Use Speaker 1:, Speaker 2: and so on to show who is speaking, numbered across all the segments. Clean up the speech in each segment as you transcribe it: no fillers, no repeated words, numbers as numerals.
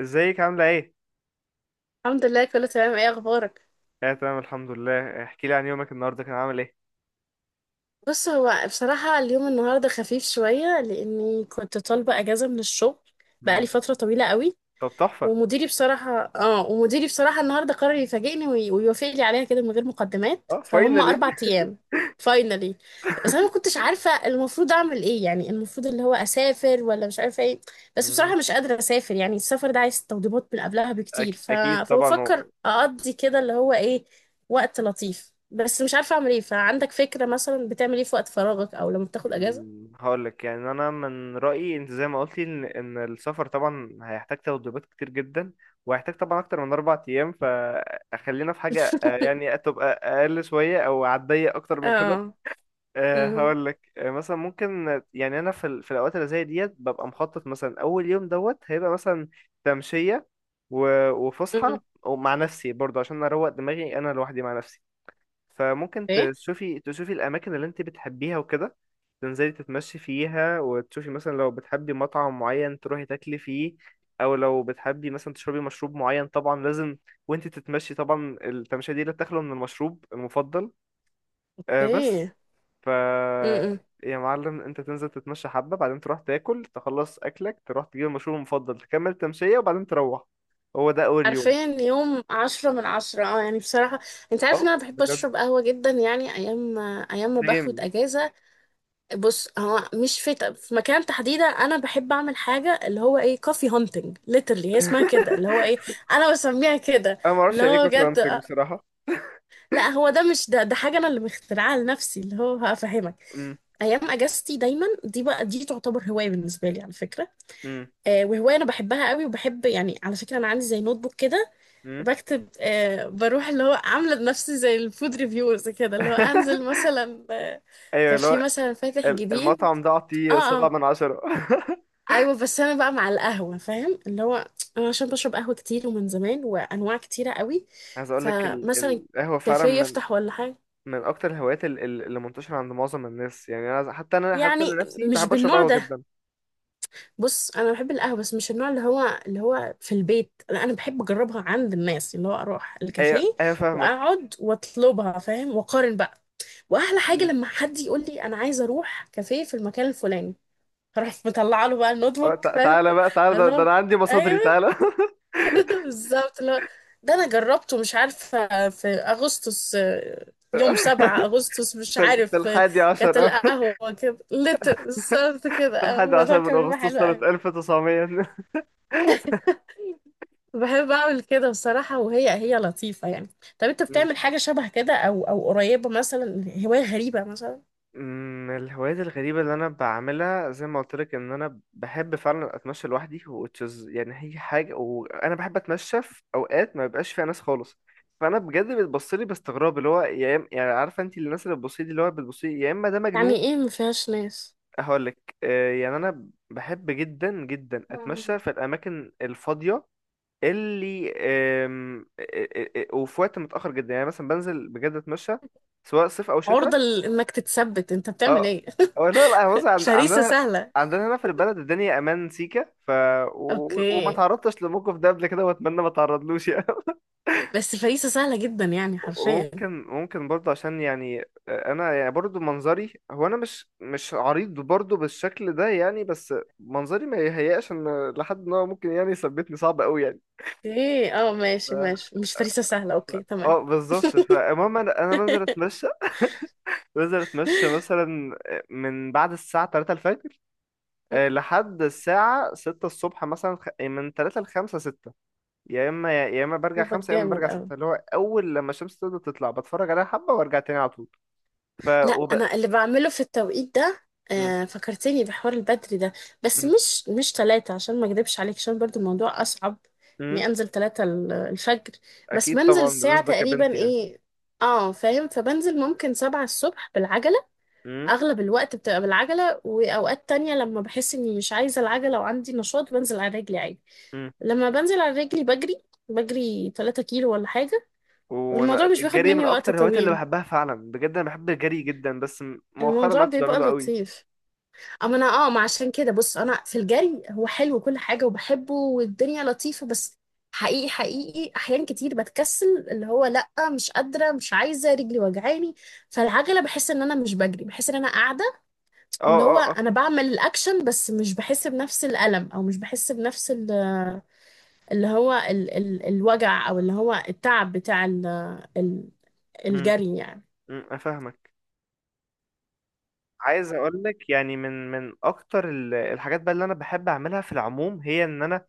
Speaker 1: ازيك عاملة ايه؟
Speaker 2: الحمد لله، كله تمام. ايه اخبارك؟
Speaker 1: اه، تمام الحمد لله. احكي لي عن يومك النهاردة كان عامل ايه؟
Speaker 2: بص، هو بصراحة اليوم النهاردة خفيف شوية لاني كنت طالبة اجازة من الشغل
Speaker 1: مم.
Speaker 2: بقالي فترة طويلة قوي.
Speaker 1: طب، تحفة.
Speaker 2: ومديري بصراحة النهاردة قرر يفاجئني ويوافق لي عليها كده من غير مقدمات،
Speaker 1: اه،
Speaker 2: فهم
Speaker 1: فاينلي.
Speaker 2: 4 أيام. فاينلي. بس أنا ما كنتش عارفة المفروض أعمل إيه، يعني المفروض اللي هو أسافر ولا مش عارفة إيه. بس
Speaker 1: مم.
Speaker 2: بصراحة مش قادرة أسافر، يعني السفر ده عايز توضيبات من قبلها بكتير
Speaker 1: اكيد طبعا
Speaker 2: فبفكر أقضي كده اللي هو إيه وقت لطيف، بس مش عارفة أعمل إيه. فعندك فكرة مثلا بتعمل إيه في وقت فراغك أو لما بتاخد أجازة؟
Speaker 1: هقول لك، يعني انا من رأيي انت زي ما قلتي إن السفر طبعا هيحتاج تدريبات كتير جدا، وهيحتاج طبعا اكتر من اربع ايام، فخلينا في حاجة، يعني تبقى اقل شوية او عادية اكتر من كده.
Speaker 2: اه. امم.
Speaker 1: هقول لك. مثلا ممكن، يعني انا في الاوقات اللي زي ديت ببقى مخطط مثلا اول يوم دوت هيبقى مثلا تمشيه و-
Speaker 2: امم.
Speaker 1: وفسحه ومع نفسي برضه عشان اروق دماغي انا لوحدي مع نفسي. فممكن
Speaker 2: ايه.
Speaker 1: تشوفي الاماكن اللي انت بتحبيها وكده، تنزلي تتمشي فيها، وتشوفي مثلا لو بتحبي مطعم معين تروحي تاكلي فيه، او لو بتحبي مثلا تشربي مشروب معين طبعا لازم وانت تتمشي. طبعا التمشيه دي لا تخلو من المشروب المفضل، بس
Speaker 2: ايه.
Speaker 1: ف
Speaker 2: امم.
Speaker 1: يا معلم انت تنزل تتمشى حبة، بعدين تروح تاكل، تخلص اكلك تروح تجيب المشروب المفضل، تكمل تمشية وبعدين تروح. هو ده اول يوم.
Speaker 2: عارفين، يوم 10 من 10، اه يعني بصراحة، انت عارف ان
Speaker 1: اه،
Speaker 2: انا بحب
Speaker 1: بجد.
Speaker 2: اشرب قهوة جدا، يعني ايام ما باخد
Speaker 1: سيم.
Speaker 2: اجازة. بص، هو مش في مكان تحديدا، انا بحب اعمل حاجة اللي هو ايه، كوفي هانتنج ليترلي هي اسمها كده، اللي هو ايه، انا بسميها كده.
Speaker 1: انا ما اعرفش
Speaker 2: اللي
Speaker 1: يعني ايه
Speaker 2: هو
Speaker 1: كوفي
Speaker 2: بجد
Speaker 1: هانتنج
Speaker 2: آه،
Speaker 1: بصراحة.
Speaker 2: لا هو ده، مش ده حاجة انا اللي مخترعاها لنفسي، اللي هو هفهمك.
Speaker 1: امم،
Speaker 2: ايام اجازتي دايما دي بقى، دي تعتبر هوايه بالنسبه لي على فكره.
Speaker 1: امم،
Speaker 2: وهوايه انا بحبها قوي، وبحب يعني، على فكره، انا عندي زي نوت بوك كده،
Speaker 1: امم.
Speaker 2: بكتب، بروح اللي هو عاملة نفسي زي الفود ريفيورز كده، اللي هو انزل مثلا.
Speaker 1: ايوه،
Speaker 2: كان
Speaker 1: اللي
Speaker 2: في
Speaker 1: هو
Speaker 2: مثلا فاتح جديد.
Speaker 1: المطعم ده اعطيه
Speaker 2: اه.
Speaker 1: سبعة
Speaker 2: اه.
Speaker 1: من عشرة.
Speaker 2: ايوه، بس انا بقى مع القهوة، فاهم، اللي هو، انا عشان بشرب قهوة كتير ومن زمان، وانواع كتيرة قوي.
Speaker 1: عايز اقول لك،
Speaker 2: فمثلا
Speaker 1: القهوة فعلا
Speaker 2: كافيه
Speaker 1: من
Speaker 2: يفتح ولا حاجة،
Speaker 1: من اكتر الهوايات، اللي منتشرة عند معظم الناس، يعني انا حتى،
Speaker 2: يعني
Speaker 1: انا نفسي
Speaker 2: مش
Speaker 1: بحب اشرب
Speaker 2: بالنوع
Speaker 1: قهوة
Speaker 2: ده.
Speaker 1: جدا.
Speaker 2: بص، انا بحب القهوه، بس مش النوع اللي هو في البيت. أنا بحب اجربها عند الناس، اللي هو اروح
Speaker 1: ايوه،
Speaker 2: الكافيه،
Speaker 1: ايوه، فاهمك.
Speaker 2: واقعد واطلبها، فاهم، واقارن بقى. واحلى حاجه لما حد يقول لي انا عايزه اروح كافيه في المكان الفلاني، اروح مطلعه له بقى النوت بوك،
Speaker 1: تع-
Speaker 2: فاهم.
Speaker 1: تعالى بقى، تعالى، ده
Speaker 2: الله.
Speaker 1: انا عندي مصادري،
Speaker 2: ايوه.
Speaker 1: تعالى.
Speaker 2: بالظبط. لا، ده انا جربته، مش عارفه في اغسطس، يوم 7 اغسطس، مش
Speaker 1: في في
Speaker 2: عارف،
Speaker 1: الحادي
Speaker 2: كانت
Speaker 1: عشر.
Speaker 2: القهوه كده لتر بالظبط كده،
Speaker 1: في الحادي
Speaker 2: الموضوع
Speaker 1: عشر من
Speaker 2: كان بيبقى
Speaker 1: اغسطس
Speaker 2: حلو
Speaker 1: سنة
Speaker 2: قوي.
Speaker 1: 1900.
Speaker 2: بحب اعمل كده بصراحة، وهي لطيفة يعني. طب انت
Speaker 1: مم.
Speaker 2: بتعمل حاجة شبه كده او قريبة مثلا؟ هواية غريبة مثلا؟
Speaker 1: الهوايات الغريبة اللي أنا بعملها، زي ما قلت لك، إن أنا بحب فعلا أتمشى لوحدي، which is يعني هي حاجة، وأنا بحب أتمشى في أوقات ما بيبقاش فيها ناس خالص. فأنا بجد بتبص لي باستغراب، اللي هو يعني عارفة أنت الناس اللي بتبص لي دي، اللي هو بتبص لي يا إما ده
Speaker 2: يعني
Speaker 1: مجنون.
Speaker 2: ايه ما فيهاش ناس؟
Speaker 1: هقول لك، يعني أنا بحب جدا جدا أتمشى في الأماكن الفاضية اللي أم، أ- أ- أ- وفي وقت متأخر جدا، يعني مثلا بنزل بجد اتمشى، سواء صيف او
Speaker 2: عرضة
Speaker 1: شتاء.
Speaker 2: انك تتثبت انت بتعمل
Speaker 1: اه،
Speaker 2: ايه؟
Speaker 1: أو لا، لا، يعني بص، عند-
Speaker 2: فريسة
Speaker 1: عندنا
Speaker 2: سهلة.
Speaker 1: عندنا هنا في البلد الدنيا امان سيكا و... وما
Speaker 2: اوكي.
Speaker 1: تعرضتش للموقف ده قبل كده، واتمنى ما تعرضلوش. يعني.
Speaker 2: بس فريسة سهلة جدا يعني، حرفيا.
Speaker 1: وممكن ممكن برضه عشان يعني، انا يعني برضه منظري، هو انا مش عريض برضه بالشكل ده يعني، بس منظري ما يهيأش ان لحد ان هو ممكن يعني يثبتني، صعب قوي يعني.
Speaker 2: اوكي، اه، ماشي، ماشي، مش فريسة سهلة. اوكي
Speaker 1: اه،
Speaker 2: تمام.
Speaker 1: بالظبط، فالمهم انا، بنزل اتمشى. بنزل اتمشى مثلا من بعد الساعة 3 الفجر، لحد الساعة 6 الصبح مثلا، خ- إيه، من 3 ل 5، 6، يا اما برجع
Speaker 2: قلبك
Speaker 1: 5، يا اما
Speaker 2: جامد
Speaker 1: برجع
Speaker 2: اوي.
Speaker 1: 6، اللي هو اول لما الشمس تبدأ تطلع بتفرج عليها حبة وارجع تاني على طول. ف
Speaker 2: لا،
Speaker 1: وب...
Speaker 2: انا اللي بعمله في التوقيت ده.
Speaker 1: م-
Speaker 2: فكرتني بحوار البدري ده. بس
Speaker 1: م-
Speaker 2: مش ثلاثة، عشان ما اكدبش عليك، عشان برضو الموضوع اصعب
Speaker 1: م-
Speaker 2: اني انزل 3 الفجر. بس
Speaker 1: اكيد
Speaker 2: بنزل
Speaker 1: طبعا
Speaker 2: الساعة
Speaker 1: بالنسبة كبنت
Speaker 2: تقريبا
Speaker 1: يعني.
Speaker 2: ايه، اه فاهم، فبنزل ممكن 7 الصبح بالعجلة.
Speaker 1: م-
Speaker 2: اغلب الوقت بتبقى بالعجلة، واوقات تانية لما بحس اني مش عايزة العجلة وعندي نشاط بنزل على رجلي عادي.
Speaker 1: م.
Speaker 2: لما بنزل على رجلي بجري، بجري 3 كيلو ولا حاجة.
Speaker 1: وانا
Speaker 2: والموضوع مش بياخد
Speaker 1: الجري من
Speaker 2: مني وقت
Speaker 1: اكتر الهوايات اللي
Speaker 2: طويل.
Speaker 1: بحبها فعلا بجد، انا بحب الجري جدا، بس مؤخرا ما
Speaker 2: الموضوع
Speaker 1: عدتش
Speaker 2: بيبقى
Speaker 1: بعمله قوي.
Speaker 2: لطيف. اما انا، ما عشان كده، بص انا في الجري، هو حلو كل حاجه وبحبه والدنيا لطيفه، بس حقيقي حقيقي، احيان كتير بتكسل، اللي هو لا مش قادره، مش عايزه، رجلي وجعاني. فالعجله بحس ان انا مش بجري، بحس ان انا قاعده، واللي هو
Speaker 1: اه، اه،
Speaker 2: انا بعمل الاكشن، بس مش بحس بنفس الالم، او مش بحس بنفس اللي هو ال الوجع، او اللي هو التعب بتاع ال ال
Speaker 1: اه.
Speaker 2: الجري يعني.
Speaker 1: افهمك. عايز اقول لك، يعني من اكتر الحاجات بقى اللي انا بحب اعملها في العموم، هي ان انا،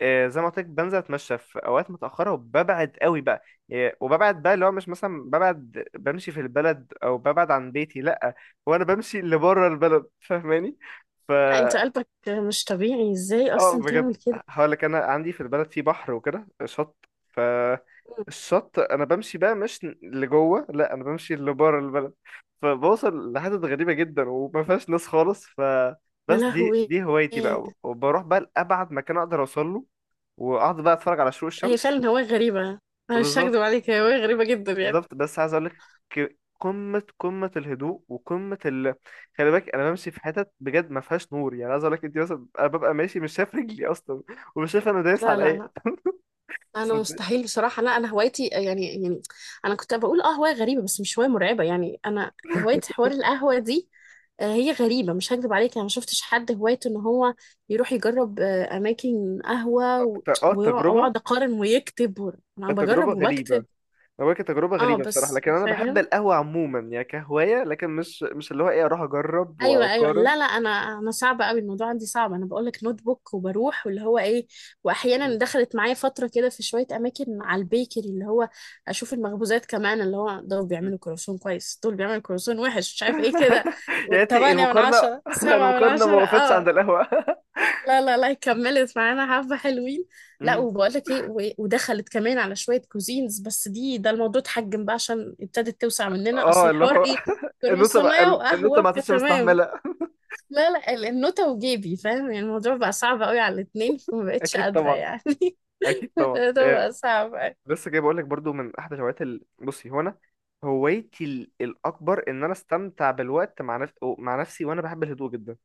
Speaker 1: زي ما قلت لك بنزل اتمشى في اوقات متاخره وببعد قوي بقى. وببعد بقى اللي هو، مش مثلا ببعد بمشي في البلد او ببعد عن بيتي، لا، هو انا بمشي اللي بره البلد، فاهماني؟
Speaker 2: لا، انت قلبك مش طبيعي، ازاي
Speaker 1: اه
Speaker 2: اصلا
Speaker 1: بجد،
Speaker 2: تعمل كده؟
Speaker 1: هقول لك انا عندي في البلد في بحر وكده شط الشط انا بمشي بقى مش لجوه، لا، انا بمشي لبره البلد، فبوصل لحتت غريبه جدا، وما فيهاش ناس خالص
Speaker 2: يا
Speaker 1: بس دي
Speaker 2: لهوي!
Speaker 1: دي هوايتي بقى، وبروح بقى لابعد مكان اقدر اوصل له، واقعد بقى اتفرج على شروق
Speaker 2: هي
Speaker 1: الشمس.
Speaker 2: فعلا هواية غريبة. أنا مش هكدب
Speaker 1: بالظبط،
Speaker 2: عليك، هي هواية غريبة جدا يعني.
Speaker 1: بالظبط، بس عايز اقول لك، قمه الهدوء وقمه خلي بالك انا بمشي في حتت بجد ما فيهاش نور، يعني عايز اقول لك انت مثلا، انا ببقى ماشي مش شايف رجلي اصلا ومش شايف انا دايس
Speaker 2: لا،
Speaker 1: على
Speaker 2: لا،
Speaker 1: إيه.
Speaker 2: لا، أنا
Speaker 1: صدق.
Speaker 2: مستحيل بصراحة. لا أنا هوايتي يعني. أنا كنت بقول أه هواية غريبة، بس مش هواية مرعبة يعني. أنا هواية حوار القهوة دي، هي غريبة، مش هكدب عليك. أنا ما شفتش حد هوايته إن هو يروح يجرب أماكن قهوة
Speaker 1: اه، التجربة
Speaker 2: ويقعد أقارن ويكتب. أنا
Speaker 1: التجربة
Speaker 2: بجرب
Speaker 1: غريبة.
Speaker 2: وبكتب.
Speaker 1: هو كانت تجربة
Speaker 2: أه،
Speaker 1: غريبة بصراحة،
Speaker 2: بس
Speaker 1: لكن أنا بحب
Speaker 2: فاهم.
Speaker 1: القهوة عموما يعني، كهواية، لكن مش اللي هو إيه أروح أجرب
Speaker 2: ايوه، ايوه.
Speaker 1: وأقارن.
Speaker 2: لا، لا، انا صعبه قوي الموضوع عندي، صعب. انا بقول لك نوت بوك وبروح، واللي هو ايه. واحيانا
Speaker 1: مم.
Speaker 2: دخلت معايا فتره كده، في شويه اماكن، على البيكري، اللي هو اشوف المخبوزات كمان، اللي هو دول
Speaker 1: مم.
Speaker 2: بيعملوا كرواسون كويس، دول بيعملوا كرواسون وحش، مش عارف ايه كده.
Speaker 1: يا ريتني
Speaker 2: والثمانية من
Speaker 1: المقارنة.
Speaker 2: عشرة، سبعة من
Speaker 1: المقارنة ما
Speaker 2: عشرة،
Speaker 1: وقفتش عند
Speaker 2: اه.
Speaker 1: القهوة.
Speaker 2: لا، لا، لا، كملت معانا حبة حلوين. لا،
Speaker 1: مم.
Speaker 2: وبقول لك ايه، و- ودخلت كمان على شوية كوزينز، بس دي، ده الموضوع اتحجم بقى، عشان ابتدت توسع مننا. اصل
Speaker 1: اه، اللي
Speaker 2: الحوار
Speaker 1: هو
Speaker 2: ايه،
Speaker 1: النوتة بقى.
Speaker 2: كرواسونية
Speaker 1: النوتة
Speaker 2: وقهوة،
Speaker 1: ما عادتش
Speaker 2: فتمام.
Speaker 1: مستحملة.
Speaker 2: لا، لا، النوتة وجيبي، فاهم يعني، الموضوع بقى صعب قوي على الاتنين، فما بقتش
Speaker 1: أكيد
Speaker 2: قادرة
Speaker 1: طبعا.
Speaker 2: يعني.
Speaker 1: أكيد طبعا.
Speaker 2: الموضوع بقى صعب قوي.
Speaker 1: بس جاي بقول لك برضو، من أحد الهوايات بصي، هو أنا هوايتي الأكبر، إن أنا أستمتع بالوقت مع مع نفسي، وأنا بحب الهدوء جدا.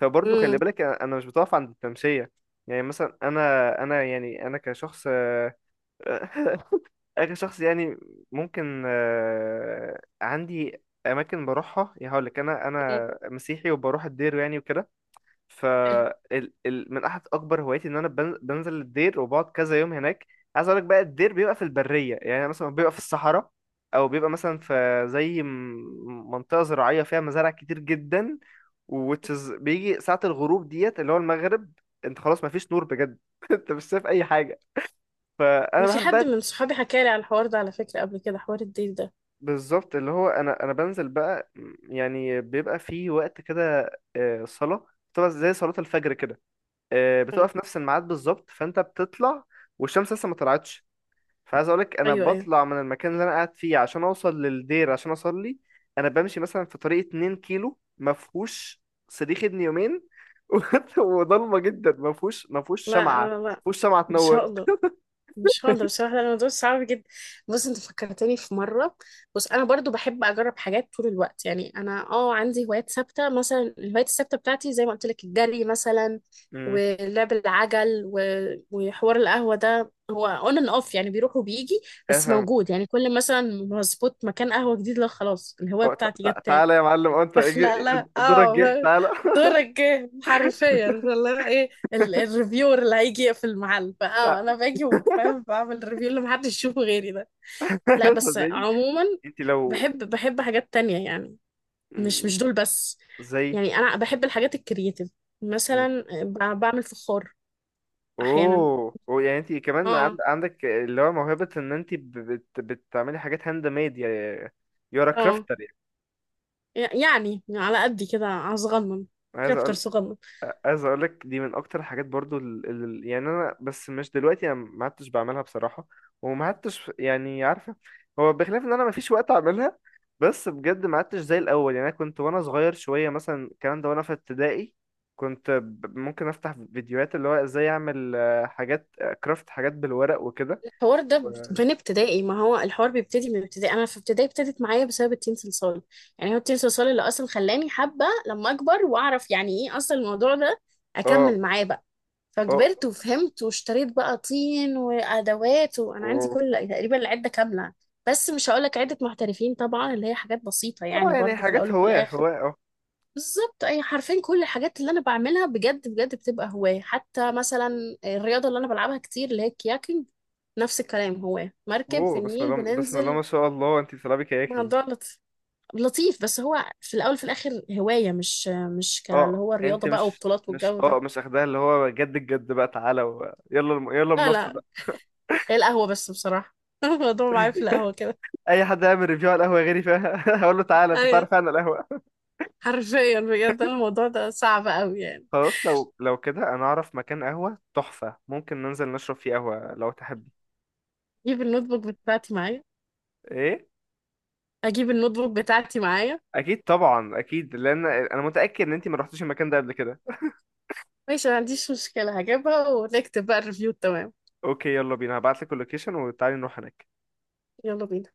Speaker 1: فبرضه خلي
Speaker 2: امم.
Speaker 1: بالك أنا مش بتوقف عند التمشية. يعني مثلا انا، يعني انا كشخص، اخر شخص يعني. ممكن عندي اماكن بروحها، يعني هقول لك انا،
Speaker 2: أمم.
Speaker 1: مسيحي وبروح الدير يعني وكده.
Speaker 2: حلو،
Speaker 1: من احد اكبر هواياتي ان انا بنزل الدير وبقعد كذا يوم هناك. عايز اقول لك بقى، الدير بيبقى في البريه، يعني مثلا بيبقى في الصحراء، او بيبقى مثلا في زي منطقه زراعيه فيها مزارع كتير جدا. بيجي ساعه الغروب ديت اللي هو المغرب، انت خلاص مفيش نور بجد. انت مش شايف اي حاجه، فانا
Speaker 2: انا في
Speaker 1: بحب
Speaker 2: حد
Speaker 1: بقى،
Speaker 2: من صحابي حكى لي على الحوار ده على فكرة قبل كده، حوار الديل ده.
Speaker 1: بالظبط، اللي هو انا، بنزل بقى. يعني بيبقى في وقت كده صلاه، طبعا زي صلاه الفجر كده،
Speaker 2: أمم.
Speaker 1: بتبقى في نفس الميعاد بالظبط، فانت بتطلع والشمس لسه ما طلعتش. فعايز اقولك انا
Speaker 2: ايوه، ايوه.
Speaker 1: بطلع من المكان اللي انا قاعد فيه عشان اوصل للدير عشان اصلي. انا بمشي مثلا في طريق 2 كيلو ما فيهوش صريخ ابن يومين. وضلمه جدا، ما فيهوش
Speaker 2: لا،
Speaker 1: شمعه، ما
Speaker 2: لا، لا.
Speaker 1: فيهوش شمعه
Speaker 2: ما
Speaker 1: تنور.
Speaker 2: شاء الله. مش هقدر بصراحة لأن الموضوع صعب جدا. بص، انت فكرتني في مرة. بص، انا برضو بحب اجرب حاجات طول الوقت، يعني انا عندي هوايات ثابتة، مثلا الهوايات الثابتة بتاعتي زي ما قلت لك الجري مثلا،
Speaker 1: امم،
Speaker 2: ولعب العجل وحوار القهوة ده هو اون اند اوف، يعني بيروح وبيجي، بس
Speaker 1: افهم.
Speaker 2: موجود يعني، كل مثلا ما اظبط مكان قهوة جديد، لا خلاص الهواية
Speaker 1: تع-
Speaker 2: بتاعتي جت
Speaker 1: تع-
Speaker 2: تاني.
Speaker 1: تعالى يا معلم، انت
Speaker 2: بخلقلها.
Speaker 1: دورك جه، تعالى.
Speaker 2: دورك جه حرفيا، فاللي هو ايه، الريفيور اللي هيجي في المحل، فاه
Speaker 1: تع-
Speaker 2: انا باجي وبعمل ريفيو اللي محدش يشوفه غيري ده. لا، بس
Speaker 1: صدقني،
Speaker 2: عموما،
Speaker 1: انت لو،
Speaker 2: بحب حاجات تانية يعني،
Speaker 1: مم،
Speaker 2: مش دول بس.
Speaker 1: زي.
Speaker 2: يعني انا بحب الحاجات الكرياتيف، مثلا بعمل فخار. احيانا.
Speaker 1: اوه، أوه، يعني انت كمان
Speaker 2: اه.
Speaker 1: عندك اللي هو موهبة ان انت بتعملي حاجات هاند ميد يعني، يورا
Speaker 2: اه.
Speaker 1: كرافتر يعني.
Speaker 2: يعني يعني على قدي كده، صغنن.
Speaker 1: عايز
Speaker 2: كرافتر
Speaker 1: اقول،
Speaker 2: صغنن.
Speaker 1: عايز اقول لك دي من اكتر الحاجات برضو يعني انا، بس مش دلوقتي انا ما عدتش بعملها بصراحة، وما عدتش يعني عارفة، هو بخلاف ان انا ما فيش وقت اعملها، بس بجد ما عدتش زي الاول. يعني انا كنت وانا صغير شوية مثلا الكلام ده وانا في ابتدائي، كنت ممكن افتح فيديوهات اللي هو ازاي اعمل حاجات، كرافت، حاجات بالورق وكده.
Speaker 2: الحوار ده من ابتدائي، ما هو الحوار بيبتدي من ابتدائي، انا في ابتدائي ابتدت معايا بسبب التين صلصال. يعني هو التين صلصال اللي اصلا خلاني حابه، لما اكبر واعرف يعني ايه اصلا الموضوع ده،
Speaker 1: اه،
Speaker 2: اكمل معاه بقى.
Speaker 1: اه،
Speaker 2: فكبرت وفهمت واشتريت بقى طين وادوات، وانا عندي
Speaker 1: اه،
Speaker 2: كل تقريبا العده كامله. بس مش هقول لك عده محترفين طبعا، اللي هي حاجات بسيطه
Speaker 1: اه،
Speaker 2: يعني
Speaker 1: يعني
Speaker 2: برضو في
Speaker 1: حاجات
Speaker 2: الاول وفي
Speaker 1: هواه
Speaker 2: الاخر.
Speaker 1: هواه اه.
Speaker 2: بالظبط، اي حرفين، كل الحاجات اللي انا بعملها بجد بجد بتبقى هواية، حتى مثلا الرياضة اللي انا بلعبها كتير اللي هي الكياكينج. نفس الكلام، هواية، مركب في
Speaker 1: اوه، بسم
Speaker 2: النيل
Speaker 1: الله، بسم الله،
Speaker 2: بننزل.
Speaker 1: ما شاء الله، انت بتلعبي كياكينج.
Speaker 2: الموضوع لطيف، بس هو في الاول في الاخر هواية مش اللي
Speaker 1: اه،
Speaker 2: هو
Speaker 1: انت
Speaker 2: الرياضة بقى
Speaker 1: مش
Speaker 2: وبطولات
Speaker 1: مش
Speaker 2: والجو ده.
Speaker 1: اه مش اخدها اللي هو جد الجد بقى، تعالى يلا، يلا
Speaker 2: لا،
Speaker 1: منص
Speaker 2: لا،
Speaker 1: بقى.
Speaker 2: هي القهوة بس بصراحة. الموضوع معايا في القهوة كده.
Speaker 1: اي حد يعمل ريفيو على القهوه غيري فيها؟ هقول له تعالى انت
Speaker 2: ايوه،
Speaker 1: تعرف عن القهوه.
Speaker 2: حرفيا، بجد. أنا الموضوع ده صعب قوي يعني.
Speaker 1: خلاص، لو كده انا اعرف مكان قهوه تحفه، ممكن ننزل نشرب فيه قهوه لو تحبي.
Speaker 2: اجيب النوت بوك بتاعتي معايا.
Speaker 1: ايه.
Speaker 2: اجيب النوت بوك بتاعتي معايا.
Speaker 1: اكيد طبعا، اكيد، لان انا متاكد ان انت ما رحتيش المكان ده قبل كده.
Speaker 2: ماشي، ما عنديش مشكلة، هجيبها ونكتب بقى الريفيو، تمام.
Speaker 1: اوكي، يلا بينا، هبعت لك اللوكيشن وتعالي نروح هناك.
Speaker 2: يلا بينا.